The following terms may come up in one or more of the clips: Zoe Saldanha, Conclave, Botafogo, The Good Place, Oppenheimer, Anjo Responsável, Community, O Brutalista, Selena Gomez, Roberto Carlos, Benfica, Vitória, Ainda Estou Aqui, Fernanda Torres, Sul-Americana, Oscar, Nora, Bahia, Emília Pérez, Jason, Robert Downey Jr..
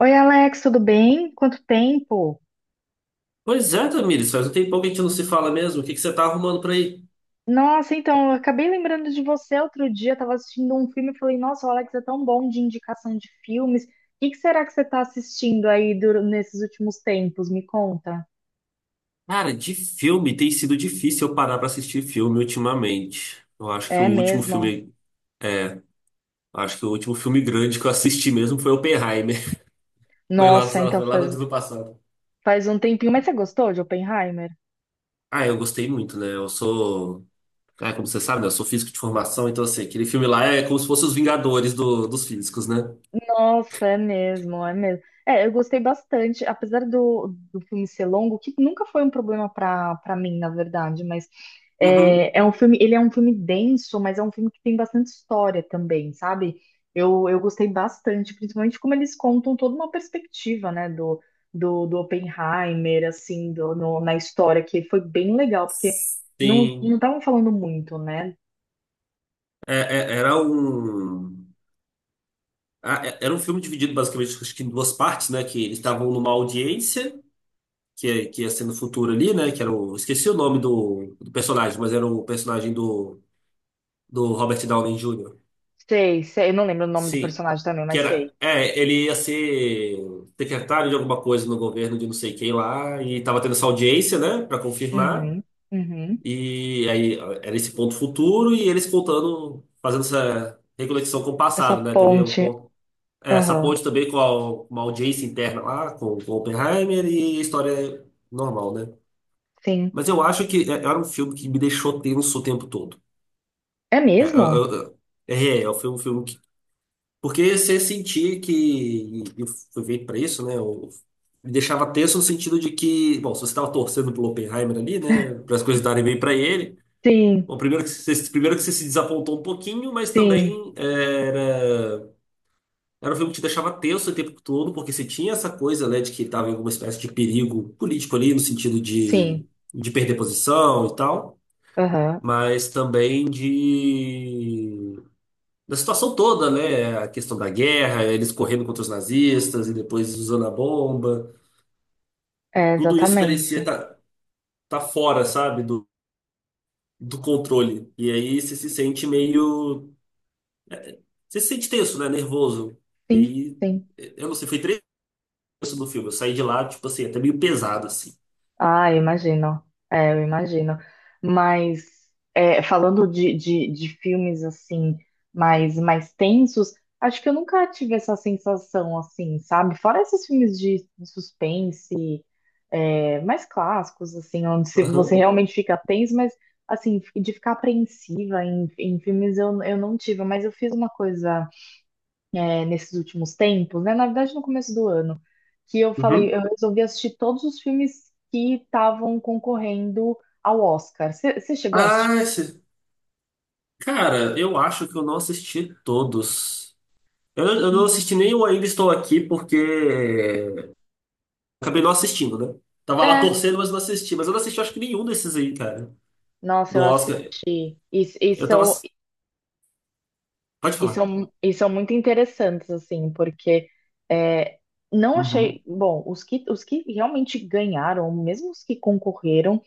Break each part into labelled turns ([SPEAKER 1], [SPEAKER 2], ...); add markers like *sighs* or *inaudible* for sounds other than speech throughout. [SPEAKER 1] Oi, Alex, tudo bem? Quanto tempo?
[SPEAKER 2] Pois é, Tamires, faz um tempão que a gente não se fala mesmo. O que que você tá arrumando por aí?
[SPEAKER 1] Nossa, então, eu acabei lembrando de você outro dia. Eu tava assistindo um filme e falei, nossa, o Alex é tão bom de indicação de filmes. O que que será que você está assistindo nesses últimos tempos? Me conta.
[SPEAKER 2] Cara, de filme tem sido difícil eu parar pra assistir filme ultimamente. Eu acho que o
[SPEAKER 1] É
[SPEAKER 2] último
[SPEAKER 1] mesmo?
[SPEAKER 2] filme, Acho que o último filme grande que eu assisti mesmo foi Oppenheimer. *laughs* Foi lá,
[SPEAKER 1] Nossa, então
[SPEAKER 2] foi lá no ano passado.
[SPEAKER 1] faz um tempinho. Mas você gostou de Oppenheimer?
[SPEAKER 2] Ah, eu gostei muito, né? Como você sabe, né? Eu sou físico de formação, então assim, aquele filme lá é como se fosse os Vingadores dos físicos, né?
[SPEAKER 1] Nossa, é mesmo, é mesmo. É, eu gostei bastante, apesar do filme ser longo, que nunca foi um problema para mim, na verdade, mas
[SPEAKER 2] Uhum.
[SPEAKER 1] é um filme, ele é um filme denso, mas é um filme que tem bastante história também, sabe? Eu gostei bastante, principalmente como eles contam toda uma perspectiva, né, do Oppenheimer, assim, do, no- na história, que foi bem legal, porque não
[SPEAKER 2] Sim.
[SPEAKER 1] não estavam falando muito, né?
[SPEAKER 2] É- é- era um. Ah, era um filme dividido basicamente acho que em duas partes, né? Que eles estavam numa audiência, que ia ser no futuro ali, né? Que era o. Esqueci o nome do, do, personagem, mas era o personagem do Robert Downey Jr.
[SPEAKER 1] Sei, sei, eu não lembro o nome do
[SPEAKER 2] Sim.
[SPEAKER 1] personagem também,
[SPEAKER 2] Que
[SPEAKER 1] mas
[SPEAKER 2] era.
[SPEAKER 1] sei.
[SPEAKER 2] É, ele ia ser secretário de alguma coisa no governo de não sei quem lá, e tava tendo essa audiência, né? Pra confirmar.
[SPEAKER 1] Uhum, uhum.
[SPEAKER 2] E aí era esse ponto futuro e eles contando, fazendo essa reconexão com o
[SPEAKER 1] Essa
[SPEAKER 2] passado, né? Teve um
[SPEAKER 1] ponte.
[SPEAKER 2] ponto. É, essa
[SPEAKER 1] Aham.
[SPEAKER 2] ponte também com a- uma audiência interna lá, com Oppenheimer e a história normal, né?
[SPEAKER 1] Sim.
[SPEAKER 2] Mas eu acho que era um filme que me deixou tenso o tempo todo.
[SPEAKER 1] É
[SPEAKER 2] É,
[SPEAKER 1] mesmo?
[SPEAKER 2] Foi um filme que. Porque você sentia que. E eu fui feito pra isso, né? Eu, me deixava tenso no sentido de que, bom, se você estava torcendo pelo Oppenheimer ali, né? Para as coisas darem bem pra ele.
[SPEAKER 1] Sim,
[SPEAKER 2] Bom, primeiro que você se desapontou um pouquinho, mas
[SPEAKER 1] sim,
[SPEAKER 2] também é, era. Era um filme que te deixava tenso o tempo todo, porque você tinha essa coisa, né, de que estava em alguma espécie de perigo político ali, no sentido
[SPEAKER 1] sim.
[SPEAKER 2] de perder posição e tal,
[SPEAKER 1] Aham.
[SPEAKER 2] mas também de da situação toda, né, a questão da guerra, eles correndo contra os nazistas e depois usando a bomba,
[SPEAKER 1] É,
[SPEAKER 2] tudo isso parecia
[SPEAKER 1] exatamente.
[SPEAKER 2] tá, tá fora, sabe, do, do controle. E aí você se sente tenso, né, nervoso. E
[SPEAKER 1] Sim, sim.
[SPEAKER 2] aí, eu não sei, foi 3 horas do filme, eu saí de lá, tipo assim, até meio pesado, assim.
[SPEAKER 1] Ah, eu imagino. É, eu imagino. Mas falando de filmes assim mais tensos, acho que eu nunca tive essa sensação assim, sabe? Fora esses filmes de suspense, mais clássicos, assim, onde se- você
[SPEAKER 2] Aham.
[SPEAKER 1] realmente fica tenso, mas assim, de ficar apreensiva em filmes eu não tive, mas eu fiz uma coisa nesses últimos tempos, né? Na verdade, no começo do ano, que eu falei,
[SPEAKER 2] Uhum.
[SPEAKER 1] eu resolvi assistir todos os filmes que estavam concorrendo ao Oscar. Você chegou a assistir?
[SPEAKER 2] Ah, esse... Cara, eu acho que eu não assisti todos. Eu não assisti nem o Ainda Estou Aqui porque é, acabei não assistindo, né? Tava lá
[SPEAKER 1] É,
[SPEAKER 2] torcendo, mas não assisti. Mas eu não assisti, acho que nenhum desses aí, cara.
[SPEAKER 1] nossa,
[SPEAKER 2] Do
[SPEAKER 1] eu
[SPEAKER 2] Oscar.
[SPEAKER 1] assisti. E, e,
[SPEAKER 2] Eu tava.
[SPEAKER 1] são,
[SPEAKER 2] ass- Pode falar.
[SPEAKER 1] e são muito interessantes, assim, porque é, não achei.
[SPEAKER 2] Uhum.
[SPEAKER 1] Bom, os que realmente ganharam, mesmo os que concorreram.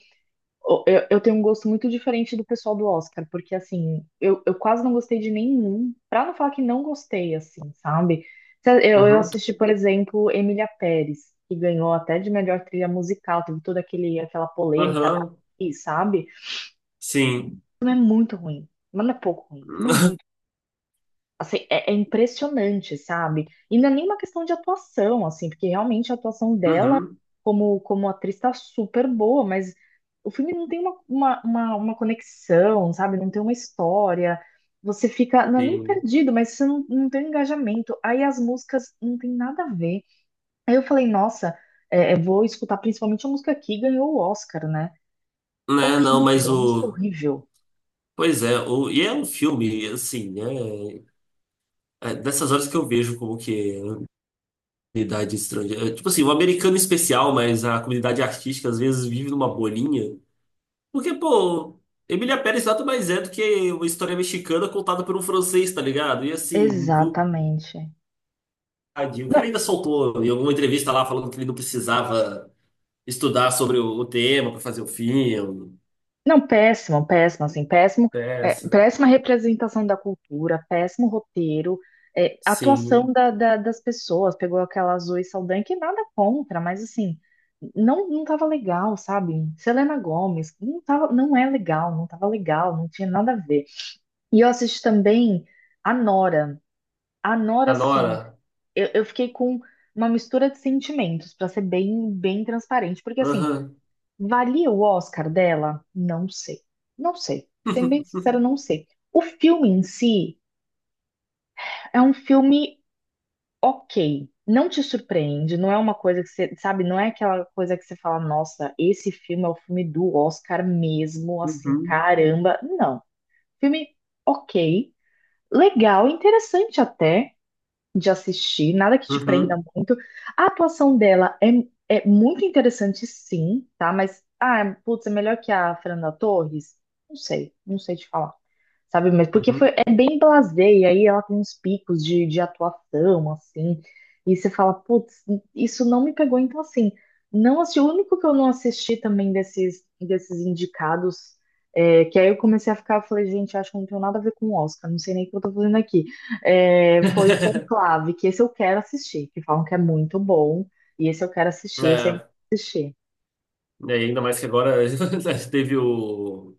[SPEAKER 1] Eu tenho um gosto muito diferente do pessoal do Oscar, porque assim, eu quase não gostei de nenhum, pra não falar que não gostei, assim, sabe? Eu
[SPEAKER 2] Uhum.
[SPEAKER 1] assisti, por exemplo, Emília Pérez, que ganhou até de melhor trilha musical, teve aquela polêmica da
[SPEAKER 2] Aham.
[SPEAKER 1] atriz, sabe?
[SPEAKER 2] Sim.
[SPEAKER 1] O filme é muito ruim, mas não é pouco ruim, o filme é
[SPEAKER 2] *laughs*
[SPEAKER 1] muito. Assim, é impressionante, sabe? E não é nenhuma questão de atuação, assim, porque realmente a atuação dela
[SPEAKER 2] Uhum.
[SPEAKER 1] como atriz tá super boa, mas o filme não tem uma conexão, sabe? Não tem uma história. Você fica, não é nem
[SPEAKER 2] Sim.
[SPEAKER 1] perdido, mas você não, não tem um engajamento. Aí as músicas não tem nada a ver. Aí eu falei, nossa, vou escutar principalmente a música que ganhou o Oscar, né?
[SPEAKER 2] Né, não, mas
[SPEAKER 1] Horrível, a música
[SPEAKER 2] o.
[SPEAKER 1] horrível.
[SPEAKER 2] Pois é, o... E é um filme, assim, né? É dessas horas que eu vejo como que. Comunidade estrangeira. É, tipo assim, o americano em especial, mas a comunidade artística às vezes vive numa bolinha. Porque, pô, Emília Pérez nada mais é do que uma história mexicana contada por um francês, tá ligado? E assim, o
[SPEAKER 1] Exatamente.
[SPEAKER 2] tadinho, o cara
[SPEAKER 1] Não,
[SPEAKER 2] ainda soltou em alguma entrevista lá falando que ele não precisava estudar sobre o tema pra fazer o filme.
[SPEAKER 1] não, péssimo, péssimo, assim, péssimo,
[SPEAKER 2] Essa.
[SPEAKER 1] péssima representação da cultura, péssimo roteiro, atuação
[SPEAKER 2] Sim.
[SPEAKER 1] das pessoas, pegou aquela Zoe Saldanha, que nada contra, mas assim, não tava legal, sabe? Selena Gomez, não tava, não é legal, não tava legal, não tinha nada a ver. E eu assisti também a Nora, a
[SPEAKER 2] A
[SPEAKER 1] Nora, sim,
[SPEAKER 2] Nora.
[SPEAKER 1] eu fiquei com uma mistura de sentimentos, pra ser bem, bem transparente, porque assim,
[SPEAKER 2] Aham.
[SPEAKER 1] valia o Oscar dela? Não sei. Não sei. Sendo bem
[SPEAKER 2] *laughs*
[SPEAKER 1] sincero, não sei. O filme em si é um filme ok. Não te surpreende, não é uma coisa que você, sabe, não é aquela coisa que você fala, nossa, esse filme é o filme do Oscar mesmo, assim,
[SPEAKER 2] Uhum.
[SPEAKER 1] caramba. Não. Filme ok, legal, interessante até de assistir, nada que te prenda
[SPEAKER 2] Uhum.
[SPEAKER 1] muito. A atuação dela é muito interessante, sim, tá? Mas, ah, putz, é melhor que a Fernanda Torres? Não sei, não sei te falar. Sabe, mas porque foi,
[SPEAKER 2] Uhum.
[SPEAKER 1] é bem blasé, e aí ela tem uns picos de atuação, assim, e você fala, putz, isso não me pegou, então assim, não assisti, o único que eu não assisti também desses indicados, que aí eu comecei a ficar, eu falei, gente, acho que não tem nada a ver com o Oscar, não sei nem o que eu tô fazendo aqui. É, foi o Conclave, que esse eu quero assistir, que falam que é muito bom, e esse eu quero assistir, esse eu ainda
[SPEAKER 2] É,
[SPEAKER 1] não assisti.
[SPEAKER 2] Ainda mais que agora *laughs* teve o.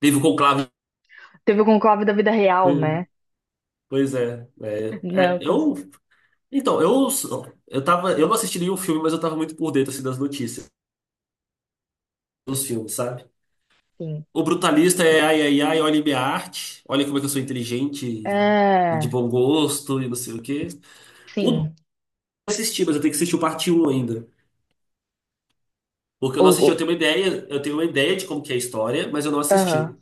[SPEAKER 2] Teve o conclave.
[SPEAKER 1] Teve o Conclave da vida real,
[SPEAKER 2] Né?
[SPEAKER 1] né?
[SPEAKER 2] Pois é, é, é,
[SPEAKER 1] Não, cons-
[SPEAKER 2] eu então eu tava eu não assisti nenhum filme, mas eu tava muito por dentro assim, das notícias dos filmes, sabe?
[SPEAKER 1] sim.
[SPEAKER 2] O brutalista é ai ai ai, olha minha arte, olha como é que eu sou inteligente e de
[SPEAKER 1] É,
[SPEAKER 2] bom gosto e não sei o quê. O dois
[SPEAKER 1] sim.
[SPEAKER 2] eu assisti, mas eu tenho que assistir o parte 1 ainda, porque eu
[SPEAKER 1] O,
[SPEAKER 2] não assisti, eu
[SPEAKER 1] o-
[SPEAKER 2] tenho uma ideia, eu tenho uma ideia de como que é a história, mas eu não
[SPEAKER 1] aham.
[SPEAKER 2] assisti.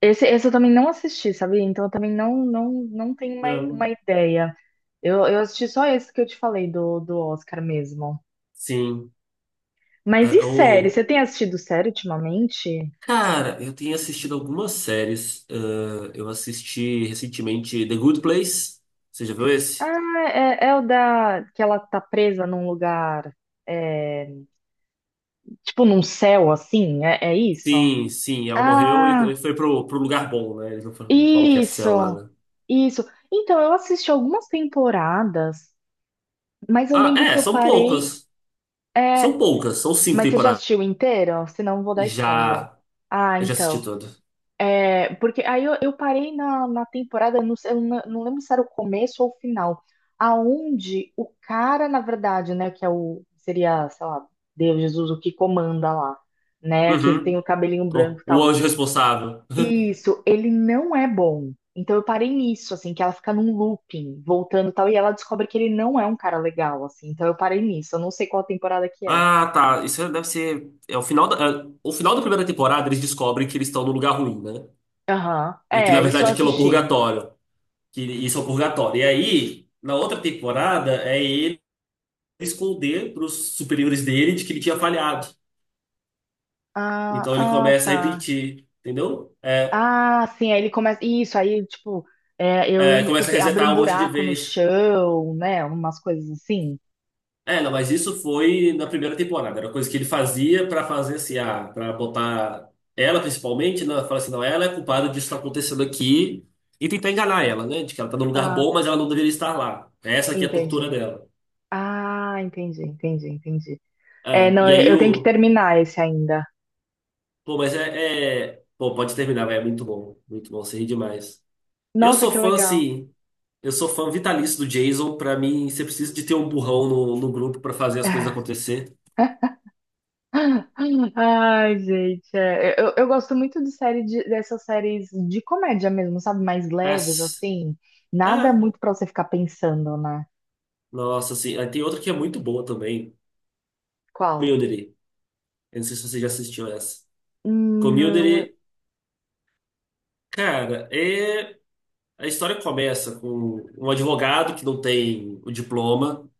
[SPEAKER 1] Esse eu também não assisti, sabe? Então eu também não tenho mais uma
[SPEAKER 2] Hum.
[SPEAKER 1] ideia. Eu assisti só esse que eu te falei do Oscar mesmo.
[SPEAKER 2] Sim.
[SPEAKER 1] Mas
[SPEAKER 2] É,
[SPEAKER 1] e série?
[SPEAKER 2] o
[SPEAKER 1] Você tem assistido série ultimamente?
[SPEAKER 2] Cara, eu tenho assistido algumas séries. Ah, eu assisti recentemente The Good Place. Você já viu esse?
[SPEAKER 1] Ah, é, é o da que ela tá presa num lugar. É, tipo num céu assim, é, é isso?
[SPEAKER 2] Sim, sim, ela morreu e
[SPEAKER 1] Ah,
[SPEAKER 2] foi pro, pro lugar bom, né? Eles não falam que é céu lá,
[SPEAKER 1] isso,
[SPEAKER 2] né?
[SPEAKER 1] isso. Então, eu assisti algumas temporadas, mas eu
[SPEAKER 2] Ah,
[SPEAKER 1] lembro
[SPEAKER 2] é,
[SPEAKER 1] que eu
[SPEAKER 2] são
[SPEAKER 1] parei.
[SPEAKER 2] poucas. São
[SPEAKER 1] É,
[SPEAKER 2] poucas, são cinco
[SPEAKER 1] mas você já
[SPEAKER 2] temporadas.
[SPEAKER 1] assistiu inteiro? Senão eu vou dar spoiler.
[SPEAKER 2] Já,
[SPEAKER 1] Ah,
[SPEAKER 2] eu já assisti
[SPEAKER 1] então.
[SPEAKER 2] toda.
[SPEAKER 1] É, porque aí eu parei na temporada, não, sei- eu não não lembro se era o começo ou o final, aonde o cara, na verdade, né, que é o, seria, sei lá, Deus, Jesus, o que comanda lá, né, que tem
[SPEAKER 2] Uhum.
[SPEAKER 1] o cabelinho
[SPEAKER 2] Oh,
[SPEAKER 1] branco e
[SPEAKER 2] o
[SPEAKER 1] tal.
[SPEAKER 2] Anjo Responsável.
[SPEAKER 1] Isso, ele não é bom. Então eu parei nisso, assim, que ela fica num looping, voltando e tal, e ela descobre que ele não é um cara legal, assim. Então eu parei nisso, eu não sei qual temporada que é.
[SPEAKER 2] Ah, tá. Isso deve ser. O final da primeira temporada, eles descobrem que eles estão no lugar ruim, né?
[SPEAKER 1] Aham.
[SPEAKER 2] E que na
[SPEAKER 1] É, isso eu
[SPEAKER 2] verdade aquilo é o
[SPEAKER 1] assisti.
[SPEAKER 2] purgatório. E aí, na outra temporada, é ele esconder para os superiores dele de que ele tinha falhado.
[SPEAKER 1] Ah,
[SPEAKER 2] Então ele
[SPEAKER 1] ah,
[SPEAKER 2] começa a
[SPEAKER 1] tá.
[SPEAKER 2] repetir, entendeu?
[SPEAKER 1] Ah, sim, aí ele começa. Isso, aí, tipo, é, eu lembro que
[SPEAKER 2] Começa a
[SPEAKER 1] te- abre um
[SPEAKER 2] resetar um monte de
[SPEAKER 1] buraco no
[SPEAKER 2] vez.
[SPEAKER 1] chão, né? Umas coisas assim.
[SPEAKER 2] É, não, mas isso foi na primeira temporada. Era coisa que ele fazia para fazer assim, ah, para botar ela principalmente, né? Fala assim, não, ela é culpada disso que tá acontecendo aqui. E tentar enganar ela, né? De que ela tá num lugar
[SPEAKER 1] Ah,
[SPEAKER 2] bom, mas ela não deveria estar lá. Essa aqui é a tortura
[SPEAKER 1] entendi.
[SPEAKER 2] dela.
[SPEAKER 1] Ah, entendi, entendi, entendi. É,
[SPEAKER 2] É,
[SPEAKER 1] não,
[SPEAKER 2] e
[SPEAKER 1] eu
[SPEAKER 2] aí
[SPEAKER 1] eu tenho que
[SPEAKER 2] o
[SPEAKER 1] terminar esse ainda.
[SPEAKER 2] Pô, mas Pô, pode terminar, velho. É muito bom. Muito bom, você ri demais. Eu
[SPEAKER 1] Nossa,
[SPEAKER 2] sou
[SPEAKER 1] que
[SPEAKER 2] fã,
[SPEAKER 1] legal.
[SPEAKER 2] assim. Eu sou fã vitalício do Jason. Pra mim, você precisa de ter um burrão no, no grupo pra fazer as coisas acontecer.
[SPEAKER 1] *laughs* *sighs* Ai, gente, é, eu gosto muito de dessas séries de comédia mesmo, sabe? Mais leves,
[SPEAKER 2] Mas,
[SPEAKER 1] assim. Nada
[SPEAKER 2] é.
[SPEAKER 1] muito pra você ficar pensando, né?
[SPEAKER 2] Nossa, assim. Aí tem outra que é muito boa também.
[SPEAKER 1] Qual?
[SPEAKER 2] Community. Eu não sei se você já assistiu essa.
[SPEAKER 1] Não, é.
[SPEAKER 2] Community, cara, é. A história começa com um advogado que não tem o diploma.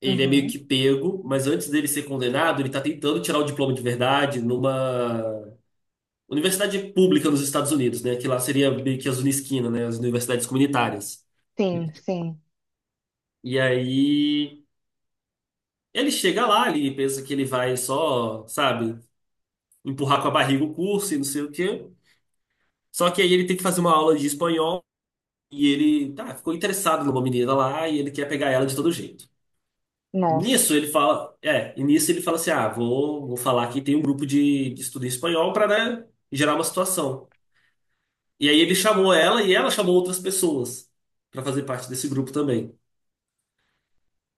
[SPEAKER 2] Ele é meio
[SPEAKER 1] Uhum.
[SPEAKER 2] que pego, mas antes dele ser condenado, ele tá tentando tirar o diploma de verdade numa universidade pública nos Estados Unidos, né? Que lá seria meio que as Unisquina, né? As universidades comunitárias.
[SPEAKER 1] Sim, sim.
[SPEAKER 2] E aí ele chega lá, ele pensa que ele vai só, sabe, empurrar com a barriga o curso e não sei o quê. Só que aí ele tem que fazer uma aula de espanhol e ele, tá, ficou interessado numa menina lá e ele quer pegar ela de todo jeito.
[SPEAKER 1] Nossa.
[SPEAKER 2] Nisso ele fala, é, e nisso ele fala assim: ah, vou falar que tem um grupo de estudo em espanhol para, né, gerar uma situação. E aí ele chamou ela e ela chamou outras pessoas pra fazer parte desse grupo também.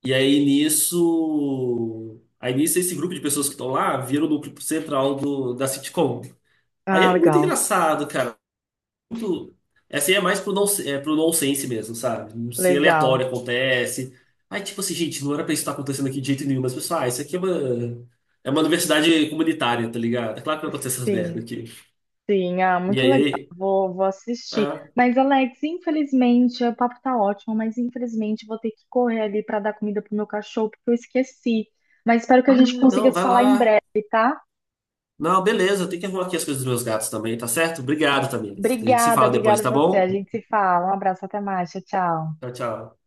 [SPEAKER 2] E aí nisso esse grupo de pessoas que estão lá viram o núcleo central do, da sitcom. Aí
[SPEAKER 1] Ah,
[SPEAKER 2] é muito
[SPEAKER 1] legal.
[SPEAKER 2] engraçado, cara. Muito, essa aí é mais pro, non, é pro nonsense mesmo, sabe? Não sei,
[SPEAKER 1] Legal.
[SPEAKER 2] aleatório acontece. Aí tipo assim, gente, não era pra isso estar acontecendo aqui de jeito nenhum, mas pessoal, ah, isso aqui é uma universidade comunitária, tá ligado? É claro que vai acontecer essas merdas
[SPEAKER 1] Sim,
[SPEAKER 2] aqui.
[SPEAKER 1] sim. Ah,
[SPEAKER 2] E
[SPEAKER 1] muito legal.
[SPEAKER 2] aí,
[SPEAKER 1] Vou, vou assistir.
[SPEAKER 2] ah,
[SPEAKER 1] Mas, Alex, infelizmente, o papo tá ótimo, mas infelizmente vou ter que correr ali pra dar comida pro meu cachorro, porque eu esqueci. Mas espero que a
[SPEAKER 2] ah,
[SPEAKER 1] gente consiga
[SPEAKER 2] não,
[SPEAKER 1] se
[SPEAKER 2] vai
[SPEAKER 1] falar em
[SPEAKER 2] lá.
[SPEAKER 1] breve, tá?
[SPEAKER 2] Não, beleza, eu tenho que arrumar aqui as coisas dos meus gatos também, tá certo? Obrigado, Tamires. A gente se
[SPEAKER 1] Obrigada,
[SPEAKER 2] fala
[SPEAKER 1] obrigada
[SPEAKER 2] depois,
[SPEAKER 1] a
[SPEAKER 2] tá
[SPEAKER 1] você. A
[SPEAKER 2] bom?
[SPEAKER 1] gente se fala. Um abraço, até mais. Tchau, tchau.
[SPEAKER 2] Tchau, tchau.